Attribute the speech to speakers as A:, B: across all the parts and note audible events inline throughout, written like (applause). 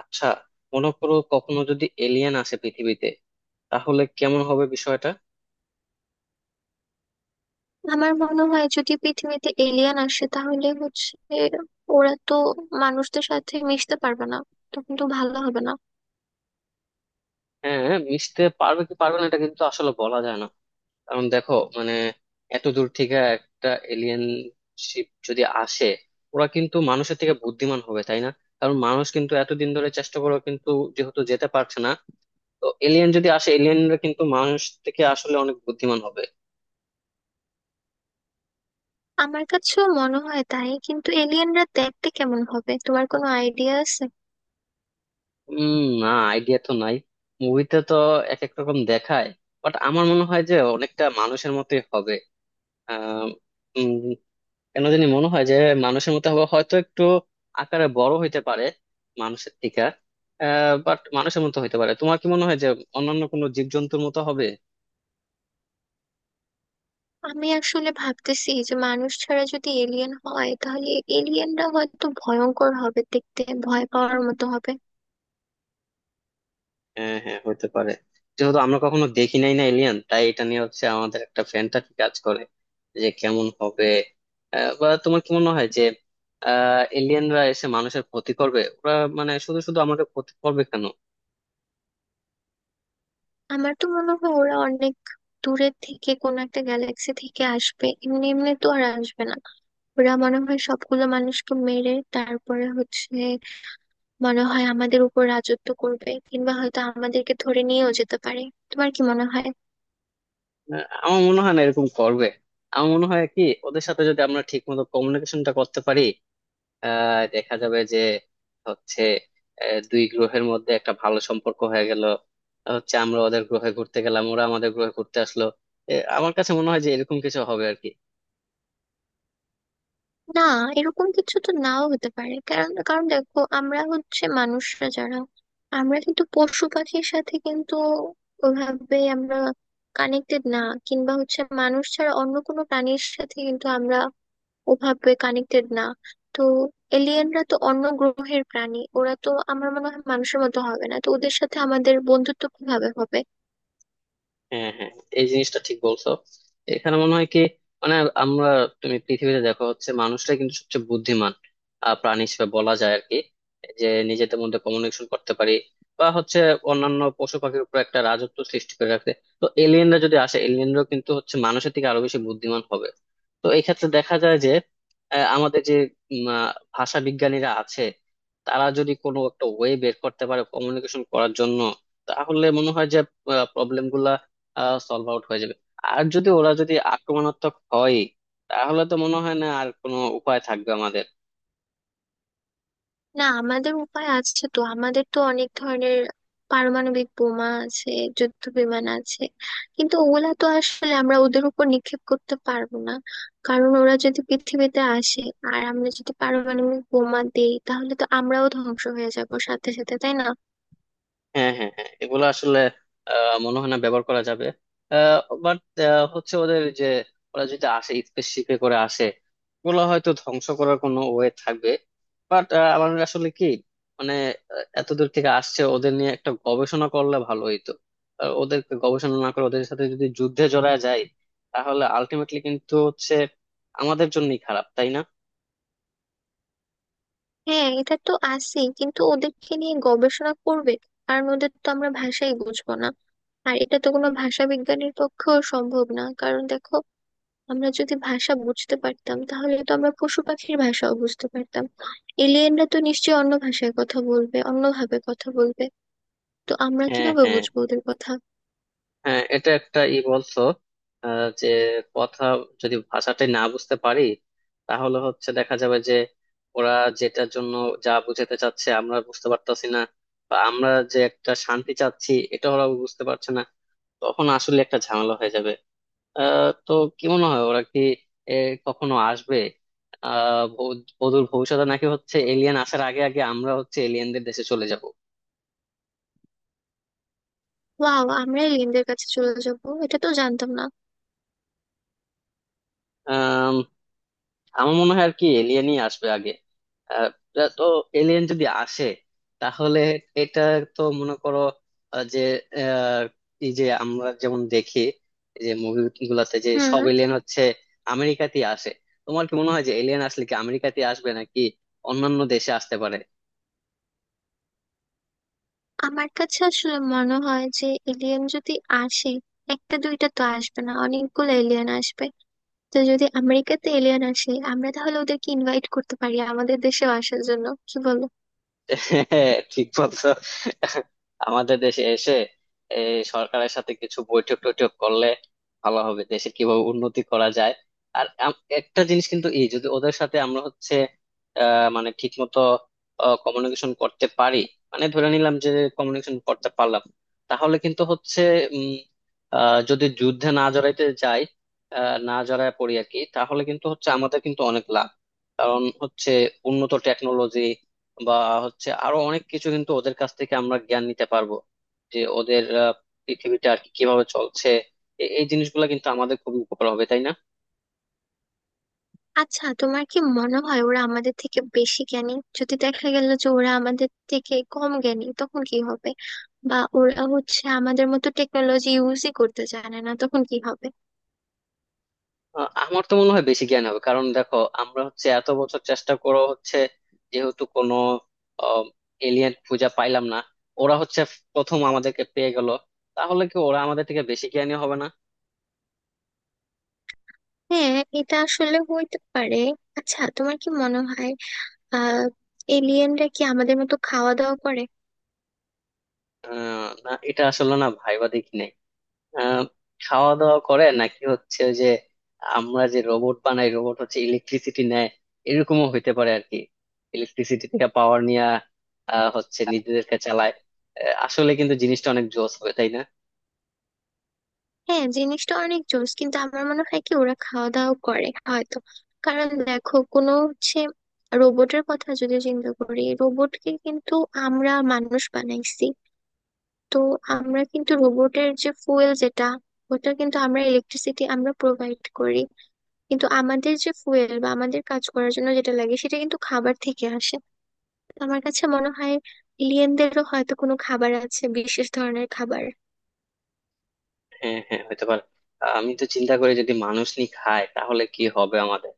A: আচ্ছা, মনে করো কখনো যদি এলিয়েন আসে পৃথিবীতে, তাহলে কেমন হবে বিষয়টা?
B: আমার মনে হয় যদি পৃথিবীতে এলিয়েন আসে তাহলে হচ্ছে ওরা তো মানুষদের সাথে মিশতে পারবে না, তখন তো ভালো হবে না।
A: হ্যাঁ, মিশতে পারবে কি পারবে না এটা কিন্তু আসলে বলা যায় না। কারণ দেখো, মানে, এত দূর থেকে একটা এলিয়েন শিপ যদি আসে, ওরা কিন্তু মানুষের থেকে বুদ্ধিমান হবে, তাই না? কারণ মানুষ কিন্তু এতদিন ধরে চেষ্টা করেও কিন্তু যেহেতু যেতে পারছে না, তো এলিয়েন যদি আসে এলিয়েনরা কিন্তু মানুষ থেকে আসলে অনেক বুদ্ধিমান হবে।
B: আমার কাছেও মনে হয় তাই, কিন্তু এলিয়েনরা দেখতে কেমন হবে তোমার কোনো আইডিয়া আছে?
A: উম না, আইডিয়া তো নাই। মুভিতে তো এক এক রকম দেখায়। বাট আমার মনে হয় যে অনেকটা মানুষের মতোই হবে। আহ উম, কেন জানি মনে হয় যে মানুষের মতো হবে, হয়তো একটু আকারে বড় হইতে পারে মানুষের থেকে। বাট মানুষের মতো হইতে পারে। তোমার কি মনে হয় যে অন্যান্য কোনো জীবজন্তুর মতো হবে?
B: আমি আসলে ভাবতেছি যে মানুষ ছাড়া যদি এলিয়েন হয় তাহলে এলিয়েনরা হয়তো ভয়ঙ্কর হবে দেখতে, ভয় পাওয়ার মতো হবে।
A: হ্যাঁ, হ্যাঁ, হতে পারে। যেহেতু আমরা কখনো দেখি নাই না এলিয়ান, তাই এটা নিয়ে হচ্ছে আমাদের একটা ফ্যান্টাসি কাজ করে যে কেমন হবে। বা তোমার কি মনে হয় যে এলিয়ানরা এসে মানুষের ক্ষতি করবে? ওরা মানে শুধু শুধু আমাদের ক্ষতি করবে কেন?
B: আমার তো মনে হয় ওরা অনেক দূরের থেকে কোনো একটা গ্যালাক্সি থেকে আসবে, এমনি এমনি তো আর আসবে না। ওরা মনে হয় সবগুলো মানুষকে মেরে তারপরে হচ্ছে মনে হয় আমাদের উপর রাজত্ব করবে, কিংবা হয়তো আমাদেরকে ধরে নিয়েও যেতে পারে। তোমার কি মনে হয়?
A: আমার মনে হয় না এরকম করবে। আমার মনে হয় কি, ওদের সাথে যদি আমরা ঠিক মতো কমিউনিকেশনটা করতে পারি, দেখা যাবে যে হচ্ছে দুই গ্রহের মধ্যে একটা ভালো সম্পর্ক হয়ে গেল, হচ্ছে আমরা ওদের গ্রহে ঘুরতে গেলাম ওরা আমাদের গ্রহে ঘুরতে আসলো। এ, আমার কাছে মনে হয় যে এরকম কিছু হবে আর কি।
B: না, এরকম কিছু তো নাও হতে পারে। কারণ কারণ দেখো, আমরা হচ্ছে মানুষরা যারা আমরা কিন্তু পশু পাখির সাথে কিন্তু ওভাবে আমরা কানেক্টেড না, কিংবা হচ্ছে মানুষ ছাড়া অন্য কোনো প্রাণীর সাথে কিন্তু আমরা ওভাবে কানেক্টেড না। তো এলিয়েনরা তো অন্য গ্রহের প্রাণী, ওরা তো আমার মনে হয় মানুষের মতো হবে না, তো ওদের সাথে আমাদের বন্ধুত্ব কিভাবে হবে?
A: হ্যাঁ, হ্যাঁ, এই জিনিসটা ঠিক বলছো। এখানে মনে হয় কি, মানে আমরা, তুমি পৃথিবীতে দেখো হচ্ছে মানুষটা কিন্তু সবচেয়ে বুদ্ধিমান প্রাণী হিসেবে বলা যায় আর কি। যে নিজেদের মধ্যে কমিউনিকেশন করতে পারি, বা হচ্ছে অন্যান্য পশু পাখির উপর একটা রাজত্ব সৃষ্টি করে রাখতে। তো এলিয়েনরা যদি আসে এলিয়েনরাও কিন্তু হচ্ছে মানুষের থেকে আরো বেশি বুদ্ধিমান হবে। তো এই ক্ষেত্রে দেখা যায় যে আমাদের যে উম, আহ, ভাষা বিজ্ঞানীরা আছে, তারা যদি কোনো একটা ওয়ে বের করতে পারে কমিউনিকেশন করার জন্য তাহলে মনে হয় যে প্রবলেম সলভ আউট হয়ে যাবে। আর যদি ওরা যদি আক্রমণাত্মক হয়, তাহলে তো মনে হয় না আর কোনো উপায় থাকবে আমাদের।
B: না, আমাদের উপায় আছে তো, আমাদের তো অনেক ধরনের পারমাণবিক বোমা আছে, যুদ্ধ বিমান আছে। কিন্তু ওগুলা তো আসলে আমরা ওদের উপর নিক্ষেপ করতে পারবো না, কারণ ওরা যদি পৃথিবীতে আসে আর আমরা যদি পারমাণবিক বোমা দেই তাহলে তো আমরাও ধ্বংস হয়ে যাবো সাথে সাথে, তাই না?
A: হ্যাঁ, হ্যাঁ, হ্যাঁ, এগুলো আসলে মনে হয় না ব্যবহার করা যাবে। বাট হচ্ছে ওদের যে, ওরা যদি আসে স্পেসশিপে করে আসে, ওগুলো হয়তো ধ্বংস করার কোনো ওয়ে থাকবে। বাট আমার আসলে কি, মানে এত দূর থেকে আসছে ওদের নিয়ে একটা গবেষণা করলে ভালো হইতো। ওদেরকে গবেষণা না করে ওদের সাথে যদি যুদ্ধে জড়ায় যায়, তাহলে আলটিমেটলি কিন্তু হচ্ছে আমাদের জন্যই খারাপ, তাই না?
B: হ্যাঁ, এটা তো আছেই, কিন্তু ওদেরকে নিয়ে গবেষণা করবে আর ওদের তো আমরা ভাষাই বুঝবো না। আর এটা তো কোনো ভাষা বিজ্ঞানীর পক্ষেও সম্ভব না, কারণ দেখো আমরা যদি ভাষা বুঝতে পারতাম তাহলে তো আমরা পশু পাখির ভাষাও বুঝতে পারতাম। এলিয়েনরা তো নিশ্চয়ই অন্য ভাষায় কথা বলবে, অন্যভাবে কথা বলবে, তো আমরা
A: হ্যাঁ,
B: কিভাবে
A: হ্যাঁ,
B: বুঝবো ওদের কথা?
A: হ্যাঁ, এটা একটা ই বলছো। যে কথা, যদি ভাষাটাই না বুঝতে পারি তাহলে হচ্ছে দেখা যাবে যে ওরা যেটার জন্য, যা বুঝাতে চাচ্ছে আমরা বুঝতে পারতাছি না, বা আমরা যে একটা শান্তি চাচ্ছি এটা ওরা বুঝতে পারছে না, তখন আসলে একটা ঝামেলা হয়ে যাবে। তো কি মনে হয়, ওরা কি এ, কখনো আসবে অদূর ভবিষ্যতে, নাকি হচ্ছে এলিয়েন আসার আগে আগে আমরা হচ্ছে এলিয়েনদের দেশে চলে
B: ওয়াও, আমরা এলিয়েনদের কাছে চলে যাব? এটা তো জানতাম না।
A: যাব? আমার মনে হয় আর কি এলিয়েনই আসবে আগে। আহ, তো এলিয়েন যদি আসে তাহলে, এটা তো মনে করো, যে আহ, এই যে আমরা যেমন দেখি, এই যে মুভি গুলাতে যে
B: হুম।
A: সব এলিয়েন হচ্ছে আমেরিকাতেই আসে। তোমার কি মনে হয় যে এলিয়েন আসলে কি আমেরিকাতেই আসবে নাকি অন্যান্য দেশে আসতে পারে?
B: আমার কাছে আসলে মনে হয় যে এলিয়েন যদি আসে, একটা দুইটা তো আসবে না, অনেকগুলো এলিয়েন আসবে। তো যদি আমেরিকাতে এলিয়েন আসে আমরা তাহলে ওদেরকে ইনভাইট করতে পারি আমাদের দেশেও আসার জন্য, কি বলো?
A: (laughs) হ্যাঁ, ঠিক বলছো। আমাদের দেশে এসে এই সরকারের সাথে কিছু বৈঠক টৈঠক করলে ভালো হবে, দেশে কিভাবে উন্নতি করা যায়। আর একটা জিনিস কিন্তু, এই যদি ওদের সাথে আমরা হচ্ছে মানে ঠিক মতো কমিউনিকেশন করতে পারি, মানে ধরে নিলাম যে কমিউনিকেশন করতে পারলাম, তাহলে কিন্তু হচ্ছে উম যদি যুদ্ধে না জড়াইতে যাই, না জড়ায় পড়ি আর কি, তাহলে কিন্তু হচ্ছে আমাদের কিন্তু অনেক লাভ। কারণ হচ্ছে উন্নত টেকনোলজি বা হচ্ছে আরো অনেক কিছু কিন্তু ওদের কাছ থেকে আমরা জ্ঞান নিতে পারবো, যে ওদের পৃথিবীটা আর কি কিভাবে চলছে। এই জিনিসগুলো কিন্তু আমাদের খুবই উপকার হবে, তাই না?
B: আচ্ছা, তোমার কি মনে হয় ওরা আমাদের থেকে বেশি জ্ঞানী? যদি দেখা গেল যে ওরা আমাদের থেকে কম জ্ঞানী তখন কি হবে? বা ওরা হচ্ছে আমাদের মতো টেকনোলজি ইউজই করতে জানে না, তখন কি হবে?
A: আমার তো মনে হয় বেশি জ্ঞান হবে, কারণ দেখো আমরা হচ্ছে এত বছর চেষ্টা করে হচ্ছে, যেহেতু কোনো এলিয়েন খুঁজে পাইলাম না, ওরা হচ্ছে প্রথম আমাদেরকে পেয়ে গেল, তাহলে কি ওরা আমাদের থেকে বেশি জ্ঞানী হবে না?
B: হ্যাঁ, এটা আসলে হইতে পারে। আচ্ছা, তোমার কি মনে হয়, আহ এলিয়েনরা কি আমাদের মতো খাওয়া দাওয়া করে?
A: না, এটা আসলে না ভাইবা দেখি নাই। আহ খাওয়া দাওয়া করে নাকি হচ্ছে ওই যে, আমরা যে রোবট বানাই, রোবট হচ্ছে ইলেকট্রিসিটি নেয়, এরকমও হইতে পারে আর কি, ইলেকট্রিসিটি থেকে পাওয়ার নিয়ে হচ্ছে নিজেদেরকে চালায়। আসলে কিন্তু জিনিসটা অনেক জোস হবে, তাই না?
B: হ্যাঁ, জিনিসটা অনেক জোস, কিন্তু আমার মনে হয় কি ওরা খাওয়া দাওয়া করে হয়তো। কারণ দেখো, কোনো হচ্ছে রোবটের কথা যদি চিন্তা করি, রোবটকে কিন্তু আমরা মানুষ বানাইছি। তো আমরা কিন্তু রোবটের যে ফুয়েল, যেটা ওটা কিন্তু আমরা ইলেকট্রিসিটি আমরা প্রোভাইড করি। কিন্তু আমাদের যে ফুয়েল বা আমাদের কাজ করার জন্য যেটা লাগে সেটা কিন্তু খাবার থেকে আসে। তো আমার কাছে মনে হয় এলিয়েনদেরও হয়তো কোনো খাবার আছে, বিশেষ ধরনের খাবার।
A: হ্যাঁ, হ্যাঁ, হতে পারে। আমি তো চিন্তা করি যদি মানুষ নি খায় তাহলে কি হবে আমাদের।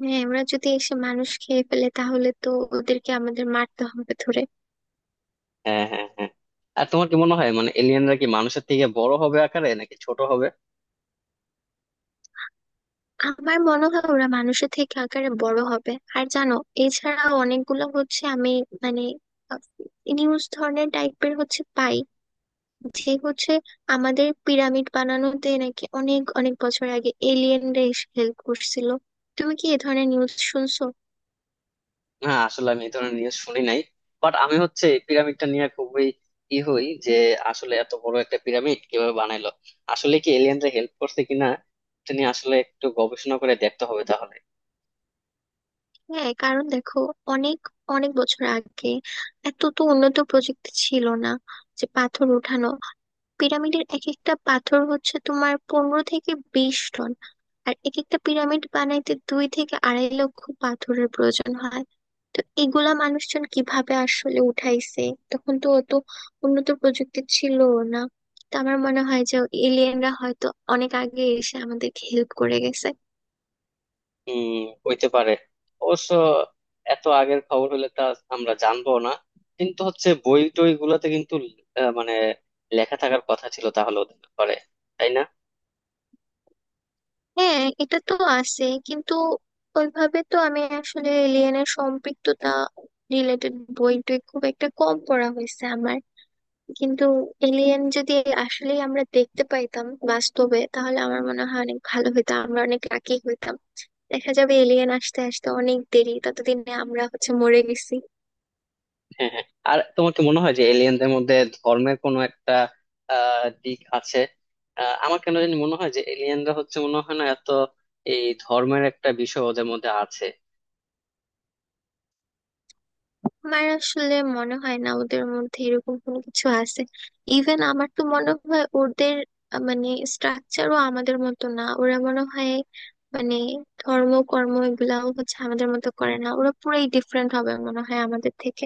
B: হ্যাঁ, ওরা যদি এসে মানুষ খেয়ে ফেলে তাহলে তো ওদেরকে আমাদের মারতে হবে ধরে।
A: হ্যাঁ, হ্যাঁ, হ্যাঁ, আর তোমার কি মনে হয় মানে এলিয়েনরা কি মানুষের থেকে বড় হবে আকারে নাকি ছোট হবে?
B: আমার মনে হয় ওরা মানুষের থেকে আকারে বড় হবে। আর জানো, এছাড়া অনেকগুলো হচ্ছে আমি, মানে, নিউজ ধরনের টাইপের হচ্ছে পাই যে হচ্ছে আমাদের পিরামিড বানানোতে নাকি অনেক অনেক বছর আগে এলিয়েনরা এসে হেল্প করছিল। তুমি কি এ ধরনের নিউজ শুনছো?
A: হ্যাঁ, আসলে আমি এই ধরনের নিউজ শুনি নাই। বাট আমি হচ্ছে এই পিরামিডটা নিয়ে খুবই ই হই যে আসলে এত বড় একটা পিরামিড কিভাবে বানাইলো, আসলে কি এলিয়েনরা হেল্প করছে কিনা, এটা নিয়ে আসলে একটু গবেষণা করে দেখতে হবে তাহলে।
B: হ্যাঁ, কারণ দেখো, অনেক অনেক বছর আগে এত তো উন্নত প্রযুক্তি ছিল না যে পাথর ওঠানো। পিরামিডের এক একটা পাথর হচ্ছে তোমার 15 থেকে 20 টন, আর এক একটা পিরামিড বানাইতে 2 থেকে 2.5 লক্ষ পাথরের প্রয়োজন হয়। তো এগুলা মানুষজন কিভাবে আসলে উঠাইছে? তখন তো অত উন্নত প্রযুক্তি ছিল না। তো আমার মনে হয় যে এলিয়েনরা হয়তো অনেক আগে এসে আমাদেরকে হেল্প করে গেছে।
A: উম, হইতে পারে। অবশ্য এত আগের খবর হলে তা আমরা জানবো না, কিন্তু হচ্ছে বই টই গুলোতে কিন্তু মানে লেখা থাকার কথা ছিল তাহলে ওদের ব্যাপারে, তাই না?
B: হ্যাঁ, এটা তো আছে, কিন্তু ওইভাবে তো আমি আসলে এলিয়েনের সম্পৃক্ততা রিলেটেড বই টই খুব একটা কম পড়া হয়েছে আমার। কিন্তু এলিয়েন যদি আসলেই আমরা দেখতে পাইতাম বাস্তবে, তাহলে আমার মনে হয় অনেক ভালো হতো, আমরা অনেক লাকি হইতাম। দেখা যাবে এলিয়েন আসতে আসতে অনেক দেরি, ততদিনে আমরা হচ্ছে মরে গেছি।
A: হ্যাঁ, হ্যাঁ, আর তোমার কি মনে হয় যে এলিয়েনদের মধ্যে ধর্মের কোনো একটা দিক আছে? আমার কেন জানি মনে হয় যে এলিয়েনরা হচ্ছে মনে হয় না, এত এই ধর্মের একটা বিষয় ওদের মধ্যে আছে।
B: আমার আসলে মনে হয় না ওদের মধ্যে এরকম কোনো কিছু আছে। ইভেন আমার তো মনে হয় ওদের মানে স্ট্রাকচারও আমাদের মতো না, ওরা মনে হয়, মানে, ধর্ম কর্ম এগুলাও হচ্ছে আমাদের মতো করে না, ওরা পুরাই ডিফারেন্ট হবে মনে হয় আমাদের থেকে।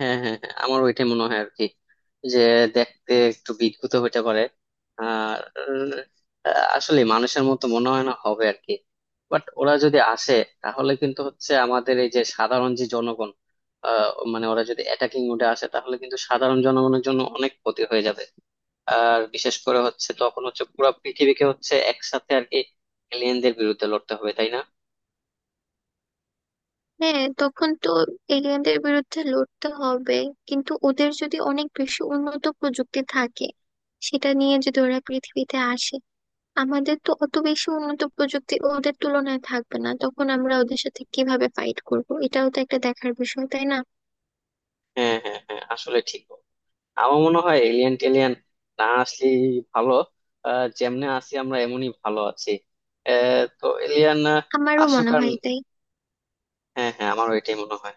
A: হ্যাঁ, হ্যাঁ, হ্যাঁ, আমার ওইটাই মনে হয় আর কি, যে দেখতে একটু বিদঘুত হইতে পারে। আর আসলে মানুষের মতো মনে হয় না হবে আর কি। বাট ওরা যদি আসে তাহলে কিন্তু হচ্ছে আমাদের এই যে সাধারণ যে জনগণ, আহ, মানে ওরা যদি অ্যাটাকিং মোডে আসে তাহলে কিন্তু সাধারণ জনগণের জন্য অনেক ক্ষতি হয়ে যাবে। আর বিশেষ করে হচ্ছে তখন হচ্ছে পুরো পৃথিবীকে হচ্ছে একসাথে আর কি, এলিয়েনদের বিরুদ্ধে লড়তে হবে, তাই না?
B: হ্যাঁ, তখন তো এলিয়েনদের বিরুদ্ধে লড়তে হবে। কিন্তু ওদের যদি অনেক বেশি উন্নত প্রযুক্তি থাকে, সেটা নিয়ে যদি ওরা পৃথিবীতে আসে, আমাদের তো অত বেশি উন্নত প্রযুক্তি ওদের তুলনায় থাকবে না, তখন আমরা ওদের সাথে কিভাবে ফাইট করব, এটাও তো একটা দেখার বিষয়, তাই না?
A: হ্যাঁ, হ্যাঁ, হ্যাঁ, আসলে ঠিক। আমার মনে হয় এলিয়েন টেলিয়েন না আসলে ভালো। যেমনে আছি আমরা এমনই ভালো আছি। তো এলিয়েন
B: আমারও
A: আসুক
B: মনে
A: আর।
B: হয় তাই।
A: হ্যাঁ, হ্যাঁ, আমার এটাই মনে হয়।